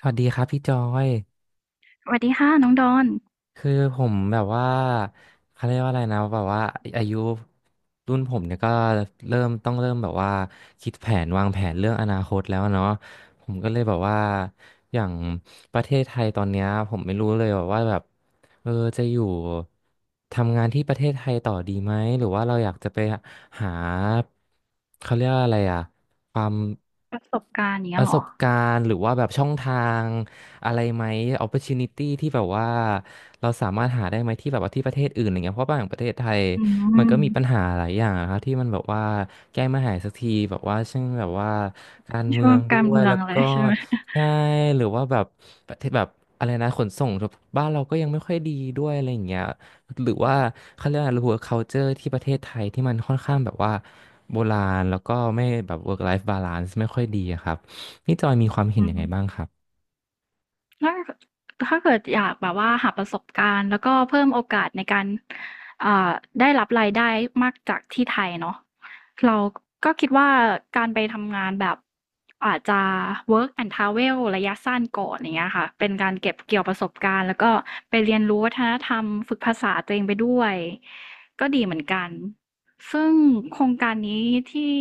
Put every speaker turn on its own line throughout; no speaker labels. สวัสดีครับพี่จอย
สวัสดีค่ะน้องดอน
คือผมแบบว่าเขาเรียกว่าอะไรนะแบบว่าอายุรุ่นผมเนี่ยก็เริ่มแบบว่าคิดแผนวางแผนเรื่องอนาคตแล้วเนาะผมก็เลยแบบว่าอย่างประเทศไทยตอนเนี้ยผมไม่รู้เลยแบบว่าแบบเออจะอยู่ทำงานที่ประเทศไทยต่อดีไหมหรือว่าเราอยากจะไปหาเขาเรียกว่าอะไรอะความ
ประสบการณ์อย่าง
ป
เงี้ย
ระ
เหร
ส
อ
บการณ์หรือว่าแบบช่องทาง อะไรไหม opportunity ที่แบบว่าเราสามารถหาได้ไหมที่แบบว่าที่ประเทศอื่นอย่ารเงี้ยเพราะบางประเทศไทย
อื
มันก็มีปัญ
ม
หาหลายอย่างอะครับที่มันแบบว่าแก้ไม่หายสักทีแบบว่าเช่นแบบว่าการเมื
ช่ว
อ
ง
งด้
การ
วย
เมือ
แล้
ง
ว
เล
ก็
ยใช่ไหม
ใช่หรือว่าแบบประเทศแบบอะไรนะขนส่งบ้านเราก็ยังไม่ค่อยดีด้วยอะไรอย่างเงี้ยหรือว่าเขาเรียกอะไร work culture ที่ประเทศไทยที่มันค่อนข้างแบบว่าโบราณแล้วก็ไม่แบบ work life balance ไม่ค่อยดีอะครับนี่จอยมีความเห็
อื
นยังไงบ้าง
ม
ครับ
ถ้าถ้าเกิดอยากแบบว่าหาประสบการณ์แล้วก็เพิ่มโอกาสในการเอ่อได้รับรายได้มากจากที่ไทยเนาะเราก็คิดว่าการไปทำงานแบบอาจจะ work and travel ระยะสั้นก่อนอย่างเงี้ยค่ะเป็นการเก็บเกี่ยวประสบการณ์แล้วก็ไปเรียนรู้วัฒนธรรมฝึกภาษาตัวเองไปด้วยก็ดีเหมือนกัน ซึ่งโครงการนี้ที่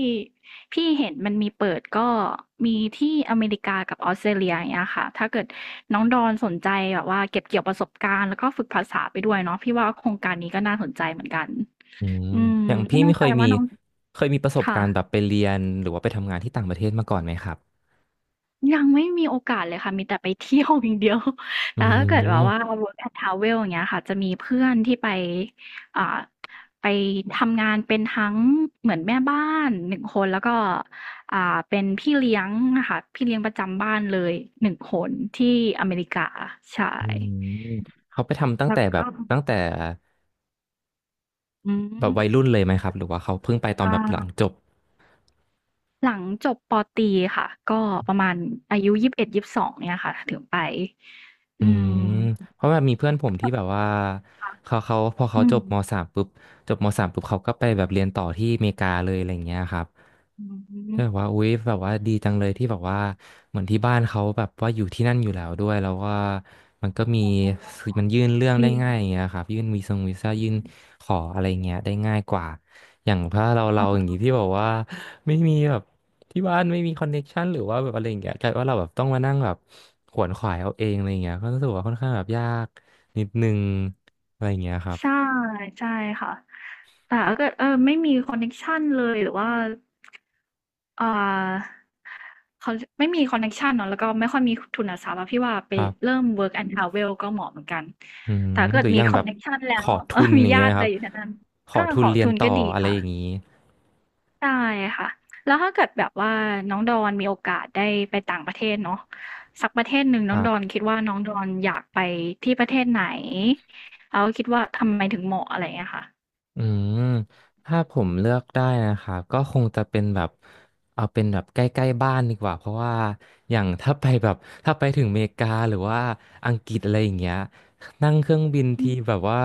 พี่เห็นมันมีเปิดก็มีที่อเมริกากับออสเตรเลียอย่างเงี้ยค่ะ ถ้าเกิดน้องดอนสนใจแบบว่าเก็บเกี่ยวประสบการณ์แล้วก็ฝึกภาษาไปด้วยเนาะพี่ว่าโครงการนี้ก็น่าสนใจเหมือนกัน
อืม
อืม
อย่าง
ไม่
พี่
แน่
ไม่
ใจ
เคยมี
ว่าน้อง
เคยมีประสบ
ค่ะ
การณ์แบบไปเรียนหรือว่าไปทำงานที่ต่างประเทศมาก่อนไหมครับ
ยังไม่มีโอกาสเลยค่ะมีแต่ไปเที่ยวอย่างเดียว
อื
แต่ถ้าเกิดแบบว่า
ม
work and travel อย่างเงี้ยค่ะจะมีเพื่อนที่ไปอ่าไปทำงานเป็นทั้งเหมือนแม่บ้าน1คนแล้วก็อ่าเป็นพี่เลี้ยงอะค่ะพี่เลี้ยงประจำบ้านเลย1คนที่อเมริกาใช่
อืมเขาไปทำตั้ง
แล้
แต่
ว
แบบ
ก็
ตั้งแต่
อื
แบบ
ม
วัยรุ่นเลยไหมครับหรือว่าเขาเพิ่งไปตอน
อ่า
แบบหลังจบ
หลังจบปตรีค่ะก็ประมาณอายุ21-22เอ็ดยี่สิบสองเนี่ยค่ะถึงไป
อื
อื
ม
ม
เพราะแบบมีเพื่อนผมที่แบบว่า
ค่ะ
เขาพอเขา
อื
จ
ม
บมสามปุ๊บจบมสามปุ๊บเขาก็ไปแบบเรียนต่อที่อเมริกาเลยอะไรอย่างเงี้ยครับ
อื
ก็
ม
แบบว่าอุ๊ยแบบว่าดีจังเลยที่แบบว่าเหมือนที่บ้านเขาแบบว่าอยู่ที่นั่นอยู่แล้วด้วยแล้วว่ามันก็มี
อ๋อ
มันยื่นเรื่องได้
มี
ง่ายอย่างเงี้ยครับยื่นวีซ่ายื่นขออะไรเงี้ยได้ง่ายกว่าอย่างถ้าเราอย่า
อา
งงี้ที่แบบว่าไม่มีแบบ ที่บ้านไม่มีคอนเน็กชันหรือว่าแบบอะไรอย่างเงี้ยกลายว่าเราแบบต้องมานั่งแบบขวนขวายเอาเองอะไรอย่างเงี้ยก็รู้สึกว่าค่อนข้างแบบยากนิดนึงอะไรอย่างเงี้ยครับ
ใช่ใช่ค่ะ แต่ถ้าเกิดเออไม่มีคอนเน็กชันเลยหรือว่าอ่าเขาไม่มีคอนเน็กชันเนาะแล้วก็ไม่ค่อยมีทุนทรัพย์อะพี่ว่าไป
ครับ
เริ่ม Work and Travel ก็เหมาะเหมือนกัน
อืม
แต่ถ้าเกิ
ห
ด
รืออ
มี
ย่าง
คอ
แบ
น
บ
เน็กชัน
ข
แล้ว
อ
เอ
ทุ
อ
น
มี
อย่างเงี้
ญา
ย
ติอะ
ค
ไร
รับ
อยู่แถวนั้น
ขอ
อา
ทุ
ข
น
อ
เรียน
ทุน
ต่อ
ก็ดี
อะไร
ค่ะ
อย่างงี้
ใช่ค่ะแล้วถ้าเกิดแบบว่าน้องดอนมีโอกาสได้ไปต่างประเทศเนาะสักประเทศหนึ่ง
ค
น้อง
รั
ดอน
บ
คิดว่าน้องดอนอยากไปที่ประเทศไหนแล้วคิดว่าทำไมถึงเหมาะอะไรอย่างเงี้ยค่ะ
อืมถ้าผมเลือกได้นะครับ ก็คงจะเป็นแบบเอาเป็นแบบใกล้ๆบ้านดีกว่า เพราะว่าอย่างถ้าไปแบบถ้าไปถึงอเมริกาหรือว่าอังกฤษอะไรอย่างเงี้ย นั่งเครื่องบิน
อื
ที
ม
แบบว่า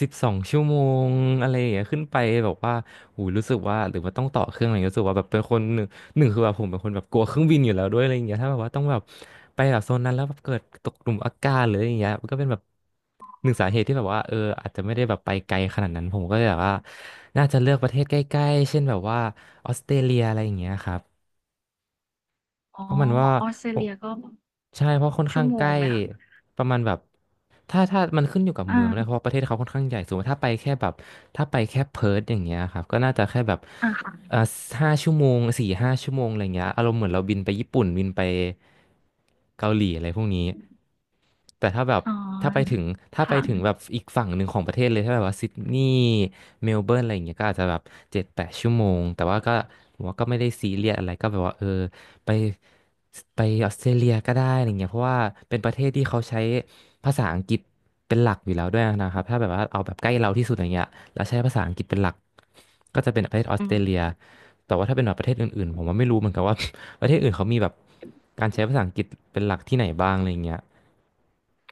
12 ชั่วโมงอะไรอย่างเงี้ยขึ้นไปแบบว่าหูรู้สึกว่าหรือว่าต้องต่อเครื่องอะไรรู้สึกว่าแบบเป็นคนหนึ่งหนึ่งคือแบบผมเป็นคนแบบกลัวเครื่องบินอยู่แล้วด้วยอะไรอย่างเงี้ยถ้าแบบว่าต้องแบบไปแบบโซนนั้นแล้วแบบเกิดตกหลุมอากาศหรืออะไรอย่างเงี้ยมันก็เป็นแบบหนึ่งสาเหตุที่แบบว่าอาจจะไม่ได้แบบไปไกลขนาดนั้นผมก็เลยแบบว่าน่าจะเลือกประเทศใกล้ๆเช่นแบบว่าออสเตรเลียอะไรอย่างเงี้ยครับ
อ๋อ
เพราะมันว่า
ออสเตร
ผ
เลี
ม
ยก็
ใช่เพราะค่อน
ชั่
ข้า
ว
ง
โม
ใก
ง
ล้
ไหมคะ
ประมาณแบบถ้ามันขึ้นอยู่กับ
อา
เมืองด้วยเพราะว่าประเทศเขาค่อนข้างใหญ่สมมติถ้าไปแค่แบบถ้าไปแค่เพิร์ทอย่างเงี้ยครับก็น่าจะแค่แบบ
อาค่ะ
เอ่อห้าชั่วโมง4-5 ชั่วโมงอะไรเงี้ยอารมณ์เหมือนเราบินไปญี่ปุ่นบินไปเกาหลีอะไรพวกนี้แต่ถ้าแบบ
อ๋อ
ถ้าไปถึงถ้า
ค
ไปถึงแบบ
่ะ
อีกฝั่งหนึ่งของประเทศเลยถ้าแบบว่าซิดนีย์เมลเบิร์นอะไรอย่างเงี้ยก็อาจจะแบบ7-8 ชั่วโมงแต่ว่าก็ผมว่าก็ไม่ได้ซีเรียสอะไรก็แบบว่าไปไปออสเตรเลียก็ได้อะไรเงี้ยเพราะว่าเป็นประเทศที่เขาใช้ภาษาอังกฤษเป็นหลักอยู่แล้วด้วยนะครับถ้าแบบว่าเอาแบบใกล้เราที่สุดอย่างเงี้ยแล้วใช้ภาษาอังกฤษเป็นหลักก็จะเป็นประเทศออส
อื
เตรเลีย
ม
แต่ว่าถ้าเป็นแบบประเทศอื่นๆผมว่าไม่รู้เหมือนกันว่า ประเทศอื่นเขามีแบบการใช้ภาษาอังกฤษเป็นหลักที่ไหนบ้างอะไรเงี้ย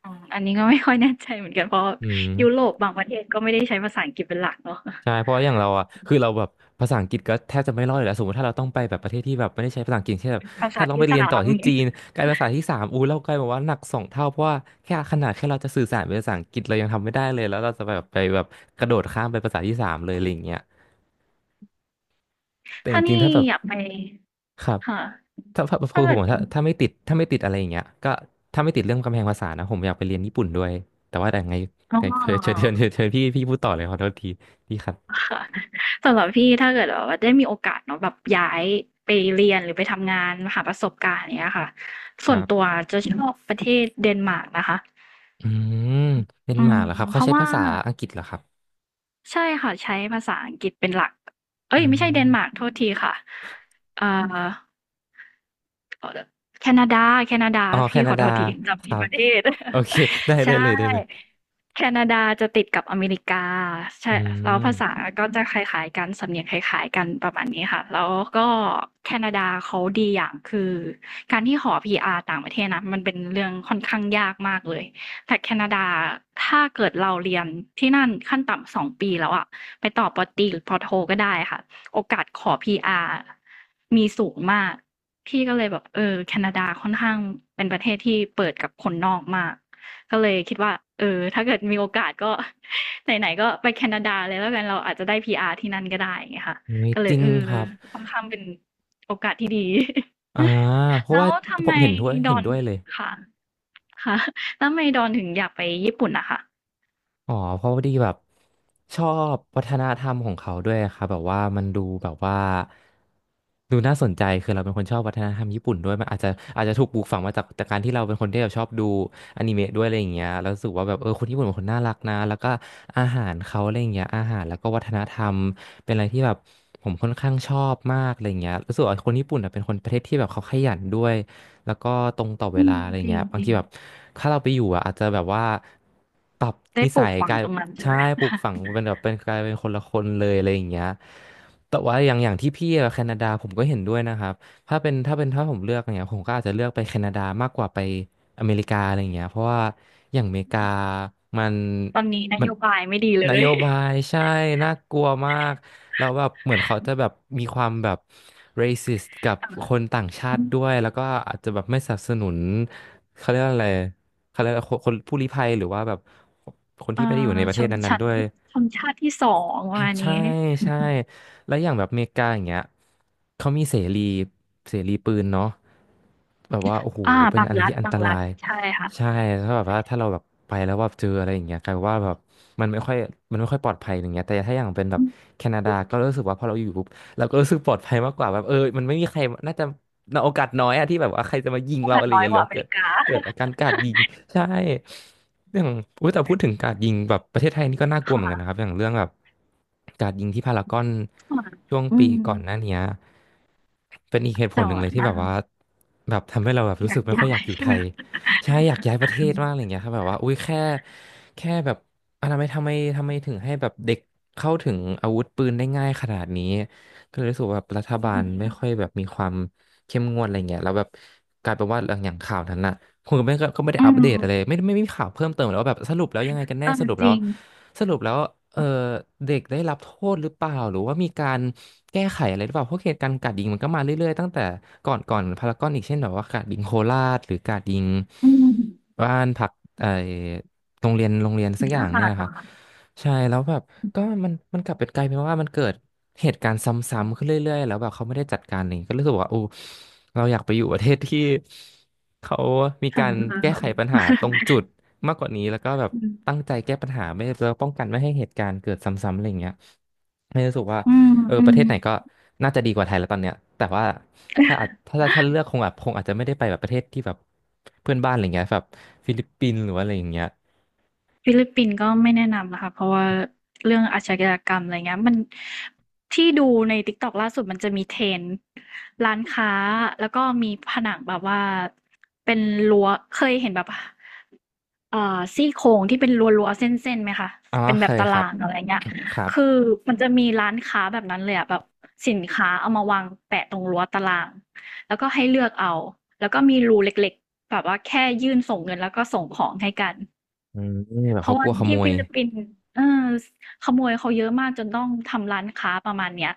อ๋ออันนี้ก็ไม่ค่อยแน่ใจเหมือนกันเพราะ
อื
ยุโร
ม
ปบางประเทศก็ไม่ได้ใช้ภาษาอังกฤษเป็นหลักเนาะ
ใช่เพราะว่าอย่างเราอ่ะคือเราแบบภาษาอังกฤษก็แทบจะไม่รอดอยู่แล้วสมมติถ้าเราต้องไปแบบประเทศที่แบบไม่ได้ใช้ภาษาอังกฤษเช่นแบบ
ภาษา
ถ้าต้อง
ที่
ไปเรี
สา
ยนต่อ
ม
ที่
อย่าง
จี
งี้
นกลายเป็นภาษาที่สามเรากลายแบบว่าหนักสองเท่าเพราะว่าแค่ขนาดแค่เราจะสื่อสารเป็นภาษาอังกฤษเรายังทำไม่ได้เลยแล้วเราจะแบบไปแบบกระโดดข้ามไปภาษาที่สามเลยอะไรอย่างเงี้ยแต่จ
ถ้า
ริ
นี่
งๆถ้าแบบ
อยากไป
ครับ
ค่ะ
ถ้าแบบคื
ถ้า
อผ
เกิ
ม
ด
บอกถ้าไม่ติดอะไรอย่างเงี้ยก็ถ้าไม่ติดเรื่องกำแพงภาษานะผมอยากไปเรียนญี่ปุ่นด้วยแต่ว่าแต่ไง
อ๋
แต่
อ
เชิญพี่พูดต่อเลยขอโทษทีพี่ครับ
ค่ะสำหรับพี่ถ้าเกิดแบบว่าได้มีโอกาสเนาะแบบย้ายไปเรียนหรือไปทำงานหาประสบการณ์อย่างเนี้ยค่ะ
ค
ส่
รั
วนตัว
บ
จะชอบประเทศเดนมาร์กนะคะ
อืมเป็น
อื
ห
ม
มากเหรอครับ
เพ
เขา
ราะ
ใช้
ว่า
ภาษาอังกฤษเหรอครับ
ใช่ค่ะใช้ภาษาอังกฤษเป็นหลักเอ้
อื
ยไม่ใช่เดนมาร์ก
ม
โทษทีค่ะเอ่อ เขาจแคนาดาแคนาดา
อ๋อแค
พี่ข
นา
อ
ดา
โทษที
ค
จำผิ
รั
ดป
บ
ระเทศ
โอเค
ใช่
ได้เลย
แคนาดาจะติดกับอเมริกา
อื
ใช่แล้วภาษา
ม
ก็จะคล้ายๆกันสำเนียงคล้ายๆกันประมาณนี้ค่ะแล้วก็แคนาดาเขาดีอย่างคือการที่ขอ PR ต่างประเทศนะมันเป็นเรื่องค่อนข้างยากมากเลยแต่แคนาดาถ้าเกิดเราเรียนที่นั่นขั้นต่ำสองปีแล้วอะไปต่อปอตรีหรือปอโทก็ได้ค่ะโอกาสขอ PR มีสูงมาก พี่ก็เลยแบบเออแคนาดาค่อนข้างเป็นประเทศที่เปิดกับคนนอกมากก็เลยคิดว่าเออถ้าเกิดมีโอกาสก็ ไหนๆก็ไปแคนาดาเลยแล้วกันเราอาจจะได้ PR ที่นั่นก็ได้ไงยค่ะ
เฮ้ย
ก็เล
จ
ย
ริง
เออ
ครับ
ค่อนข้างเป็นที่ดี
อ่า เพราะ
แล้ว
ว่า
ทำ
ผ
ไม
ม
ด
เห็
อ
น
น
ด้วยเลย
ค่ะค่ะแล้วทำไมดอนถึงอยากไปญี่ปุ่นนะคะ
อ๋อเพราะพอดีแบบชอบวัฒนธรรมของเขาด้วยครับแบบว่ามันดูแบบว่าดูน่าสนใจคือเราเป็นคนชอบวัฒนธรรมญี่ปุ่นด้วยมันอาจจะถูกปลูกฝังมาจากการที่เราเป็นคนที่แบบชอบดูอนิเมะด้วยอะไรอย่างเงี้ยแล้วรู้สึกว่าแบบเออคนญี่ปุ่นเป็นคนน่ารักนะแล้วก็อาหารเขาอะไรอย่างเงี้ยอาหารแล้วก็วัฒนธรรมเป็นอะไรที่แบบผมค่อนข้างชอบมากอะไรอย่างเงี้ยรู้สึกว่าคนญี่ปุ่นอะเป็นคนประเทศที่แบบเขาขยันด้วย แล้วก็ตรงต่อเว
อื
ลา
ม
อะไร
จริ
เงี้
ง
ยบา
จ
ง
ริ
ที
ง
แบบถ้าเราไปอยู่อะอาจจะแบบว่าปรับ
ได้
นิ
ปลู
สั
ก
ย
ฝั
ก
ง
ลาย
ตรงนั้นใช่
ใช่
ไหม
ปลูกฝังเป็นแบบเป็นกลายเป็นคนละคนเลยอะไรอย่างเงี้ยแต่ว่าอย่างที่พี่อะแคนาดาผมก็เห็นด้วยนะครับถ้าผมเลือกเนี่ยผมก็อาจจะเลือกไปแคนาดามากกว่าไปอเมริกาอะไรอย่างเงี้ยเพราะว่าอย่างอเมริกามัน
ตอนนี้น
มั
โย
น
บายไม่ดีเล
นโย
ย
บายใช่น่ากลัวมากแล้วแบบเหมือนเขาจะแบบมีความแบบ racist กับคนต่างชา
อื
ติ
ม
ด้วยแล้วก็อาจจะแบบไม่สนับสนุนเขาเรียกว่าอะไรเขาเรียกว่าคนผู้ลี้ภัยหรือว่าแบบคน
เอ่อ
ที่ไม่ได้อยู่ในประ
ช
เทศ
น
นั้น
ชั้
ๆ
น
ด้วย
ที่ชนชาติที่สองประมาณนี้
ใช่ใช่แล้วอย่างแบบอเมริกาอย่างเงี้ยเขามีเสรีปืนเนาะแบบว่าโอ้โห
อา
เป็น
บาง
อะไร
รัฐ
ที่อัน
บา
ต
ง
รา
รัฐ
ย
ใช่ค่ะ
ใช่ถ้าแบบว่าถ้าเราแบบไปแล้วแบบเจออะไรอย่างเงี้ยกลายเป็นว่าแบบมันไม่ค่อยมันไม่ค่อยปลอดภัยอย่างเงี้ยแต่ถ้าอย่างเป็นแบ
อื
บ
ม
แคนา
จ
ดา
ริง
ก็รู้สึกว่าพอเราอยู่ปุ๊บเราก็รู้สึกปลอดภัยมากกว่าแบบเออมันไม่มีใครน่าจะโอกาสน้อยอะที่แบบว่าใครจะมายิง
พวก
เรา
มั
อะ
น
ไรอ
น้
ย่าง
อย
เงี้ยห
ก
รือ
ว่าอเม
เกิด
ริกา
เกิดอาการกราดยิงใช่อย่างอุ้ยแต่พูดถึงกราดยิงแบบประเทศไทยนี่ก็น่าก ลัวเห
ค่ะ
มือนกันนะครับอย่างเรื่องแบบกราดยิงที่พารากอน
ค่ะ
ช่วง
อื
ปี
ม
ก่อนหน้าเนี้ยเป็นอีกเหตุผ
แต่
ลหนึ่ง
ว่า
เลยที่
อา
แบบว่าแบบทำให้เราแบบ
อ
รู้
ยา
สึ
ก
กไม่ค่อ
ย้า
ยอยาก
ย
อยู่
ใช่
ไท
ไหม
ย
คะ
ใช่อยากย้ายประเทศมากอะไรเงี้ยครับแบบว่าอุ้ยแค่แบบอะทำไมถึงให้แบบเด็กเข้าถึงอาวุธปืนได้ง่ายขนาดนี้ก็เลยรู้สึกว่าแบบรัฐบาล
อื
ไม่ค่อยแบบมีความเข้มงวดอะไรเงี้ยแล้วแบบกลายเป็นว่าอย่างข่าวนั้นน่ะ คุณก็ไม่ได้
ม
อัปเดตอะไรไม่ไม่ไมมีข่าวเพิ่มเติมหรอกว่าแบบสรุปแล้วยังไงกัน
เอ
แน่ส
อ
รุป
จ
แล้ว
ริง
สรุปแล้วเออเด็กได้รับโทษหรือเปล่าหรือว่ามีการแก้ไขอะไรหรือเปล่าเพราะเหตุการณ์กราดยิงมันก็มาเรื่อยๆตั้งแต่ก่อนพารากอนอีกเช่นแบบว่ากราดยิงโคราชหรือกราดยิง
อืม
บ้านพักไอโรงเรียนสักอย่า
ก็
งเนี่
ค่ะ
ยนะคะใช่แล้วแบบก็มันกลับเป็นกลายเป็นว่ามันเกิดเหตุการณ์ซ้ำๆขึ้นเรื่อยๆแล้วแบบเขาไม่ได้จัดการอะไรอย่างเงี้ยก็รู้สึกว่าโอ้เราอยากไปอยู่ประเทศที่ เขามี
ๆค่ะ
การ
ออ
แก้
แบ
ไข
บ
ปัญหาตรงจุดมากกว่านี้แล้วก็แบบ
อื
ตั้ง
ม
ใจแก้ปัญหาไม่แล้วป้องกันไม่ให้เหตุการณ์เกิดซ้ำๆอะไรอย่างเงี้ยไม่รู้สึกว่า
อื
เออป
ม
ระเทศไหนก็
ๆ
น่าจะดีกว่าไทยแล้วตอนเนี้ยแต่ว่าถ้าอาจถ้าถ้าเลือกคงแบบคงอาจจะไม่ได้ไปแบบประเทศที่แบบเพื่อนบ้านอะไรเงี้ยแบบฟิลิปปินส์หรือว่าอะไรอย่างเงี้ย
ฟิลิปปินส์ก็ไม่แนะนำนะคะเพราะว่าเรื่องอาชญากรรมอะไรเงี้ยมันที่ดูใน TikTok ล่าสุดมันจะมีเทรนด์ร้านค้าแล้วก็มีผนังแบบว่าเป็นรั้วเคยเห็นแบบซี่โครงที่เป็นรั้วเส้นๆไหมคะ
อ๋อ
เป็นแบ
เค
บ
ย
ตา
ครับ
รางอะไรเงี้ย
ครับ
คือมันจะมีร้านค้าแบบนั้นเลยอะแบบสินค้าเอามาวางแปะตรงรั้วตารางแล้วก็ให้เลือกเอาแล้วก็มีรูเล็กๆแบบว่าแค่ยื่นส่งเงินแล้วก็ส่งของให้กัน
อืมแบบ
เพราะ
เขาก
ว่า
ลัวขโม
ที่
ย
ฟิลิปปินส์เออขโมยเขาเยอะมากจนต้องทำร้านค้าประมาณเนี้ย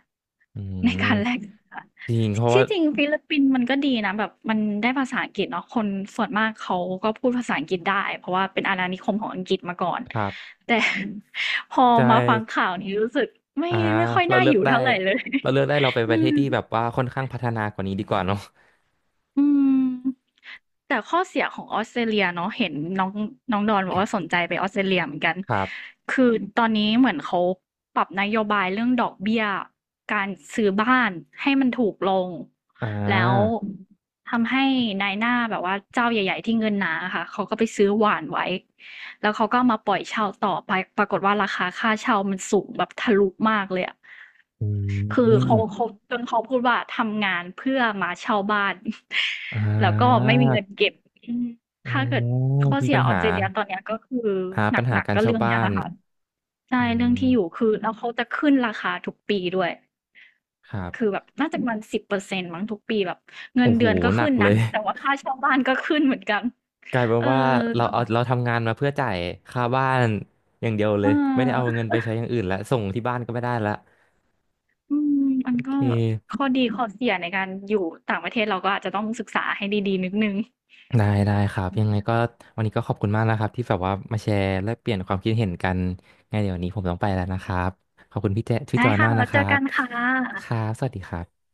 อื
ในการแลก
ม
สินค้า
จริงเพราะว่า
ที่จริงฟิลิปปินส์มันก็ดีนะแบบมันได้ภาษาอังกฤษเนาะคนส่วนมากเขาก็พูดภาษาอังกฤษได้เพราะว่าเป็นอาณานิคมของอังกฤษมาก่อน
ครับ
แต่ พอ
ใช่
มาฟังข่าวนี้รู้สึกไม่
อ่า
ไม่ค่อย
เรา
น่า
เลื
อ
อก
ยู่
ได้
เท่าไรเลย
เราเลือกได้เราไป ป
อื
ระเทศ
ม
ที่แบบว่าค่อนข้างพัฒนากว่านี้ดีกว่าเนาะ
อืมแต่ข้อเสียของออสเตรเลียเนาะเห็นน้องน้องดอนบอกว่าสนใจไปออสเตรเลียเหมือนกัน
ครับ
คือตอนนี้เหมือนเขาปรับนโยบายเรื่องดอกเบี้ยการซื้อบ้านให้มันถูกลง
อ่
แล้ว
า
ทำให้นายหน้าแบบว่าเจ้าใหญ่ๆที่เงินหนาค่ะเขาก็ไปซื้อหว่านไว้แล้วเขาก็มาปล่อยเช่าต่อไปปรากฏว่าราคาค่าเช่ามันสูงแบบทะลุมากเลยอะ
อื
คือเขา
ม
เขาจนเขาพูดว่าทำงานเพื่อมาเช่าบ้าน
อ่
แล้วก็
า
ไม่มีเงินเก็บอืม
อ๋อ
ถ้าเกิดข้อ
มี
เสีย
ปัญ
ออ
หา
สเตรเลียตอนเนี้ยก็คือ
อ่า
หน
ปัญหา
ัก
กา
ๆ
ร
ก็
เช่า
เรื่อง
บ้า
เนี้ยแห
น
ละค่ะใช่
อื
เรื่องที่อยู่
ม
คือแล้วเขาจะขึ้นราคาทุกปีด้วย
ครั
คือ
บ
แบบน่าจะประมาณ10%มั้งทุกปีแบบเงิ
โอ้
น
โห
เดือนก็
หนั
ขึ้
ก
น
เล
นะ
ย
แต่ว่าค่าเช่าบ้านก็ขึ้นเหมือนกัน
กลายเป็น
เออ
ว่า
ก็
เราทำงานมาเพื่อจ่ายค่าบ้านอย่างเดียวเล
เ
ยไม่ได้เอา
ออ
เงินไปใช้อย่างอื่นแล้วส่งที่บ้านก็ไม่ได้ละ
อืมมั
โอ
น
เค
ก็ข้อดีข้อเสียในการอยู่ต่างประเทศเราก็อาจจะต้องศึกษาให้ดีๆนิดนึง
ได้ครับยังไงก็วันนี้ก็ขอบคุณมากนะครับที่แบบว่ามาแชร์และเปลี่ยนความคิดเห็นกันไงเดี๋ยววันนี้ผมต้องไปแล้วนะครับขอบคุณพี่แจพี่
ได้
จอย
ค่ะ
มากนะ
แล้ว
ค
เจ
รั
อ
บ
กันค่ะ
ครับสวัสดีครับ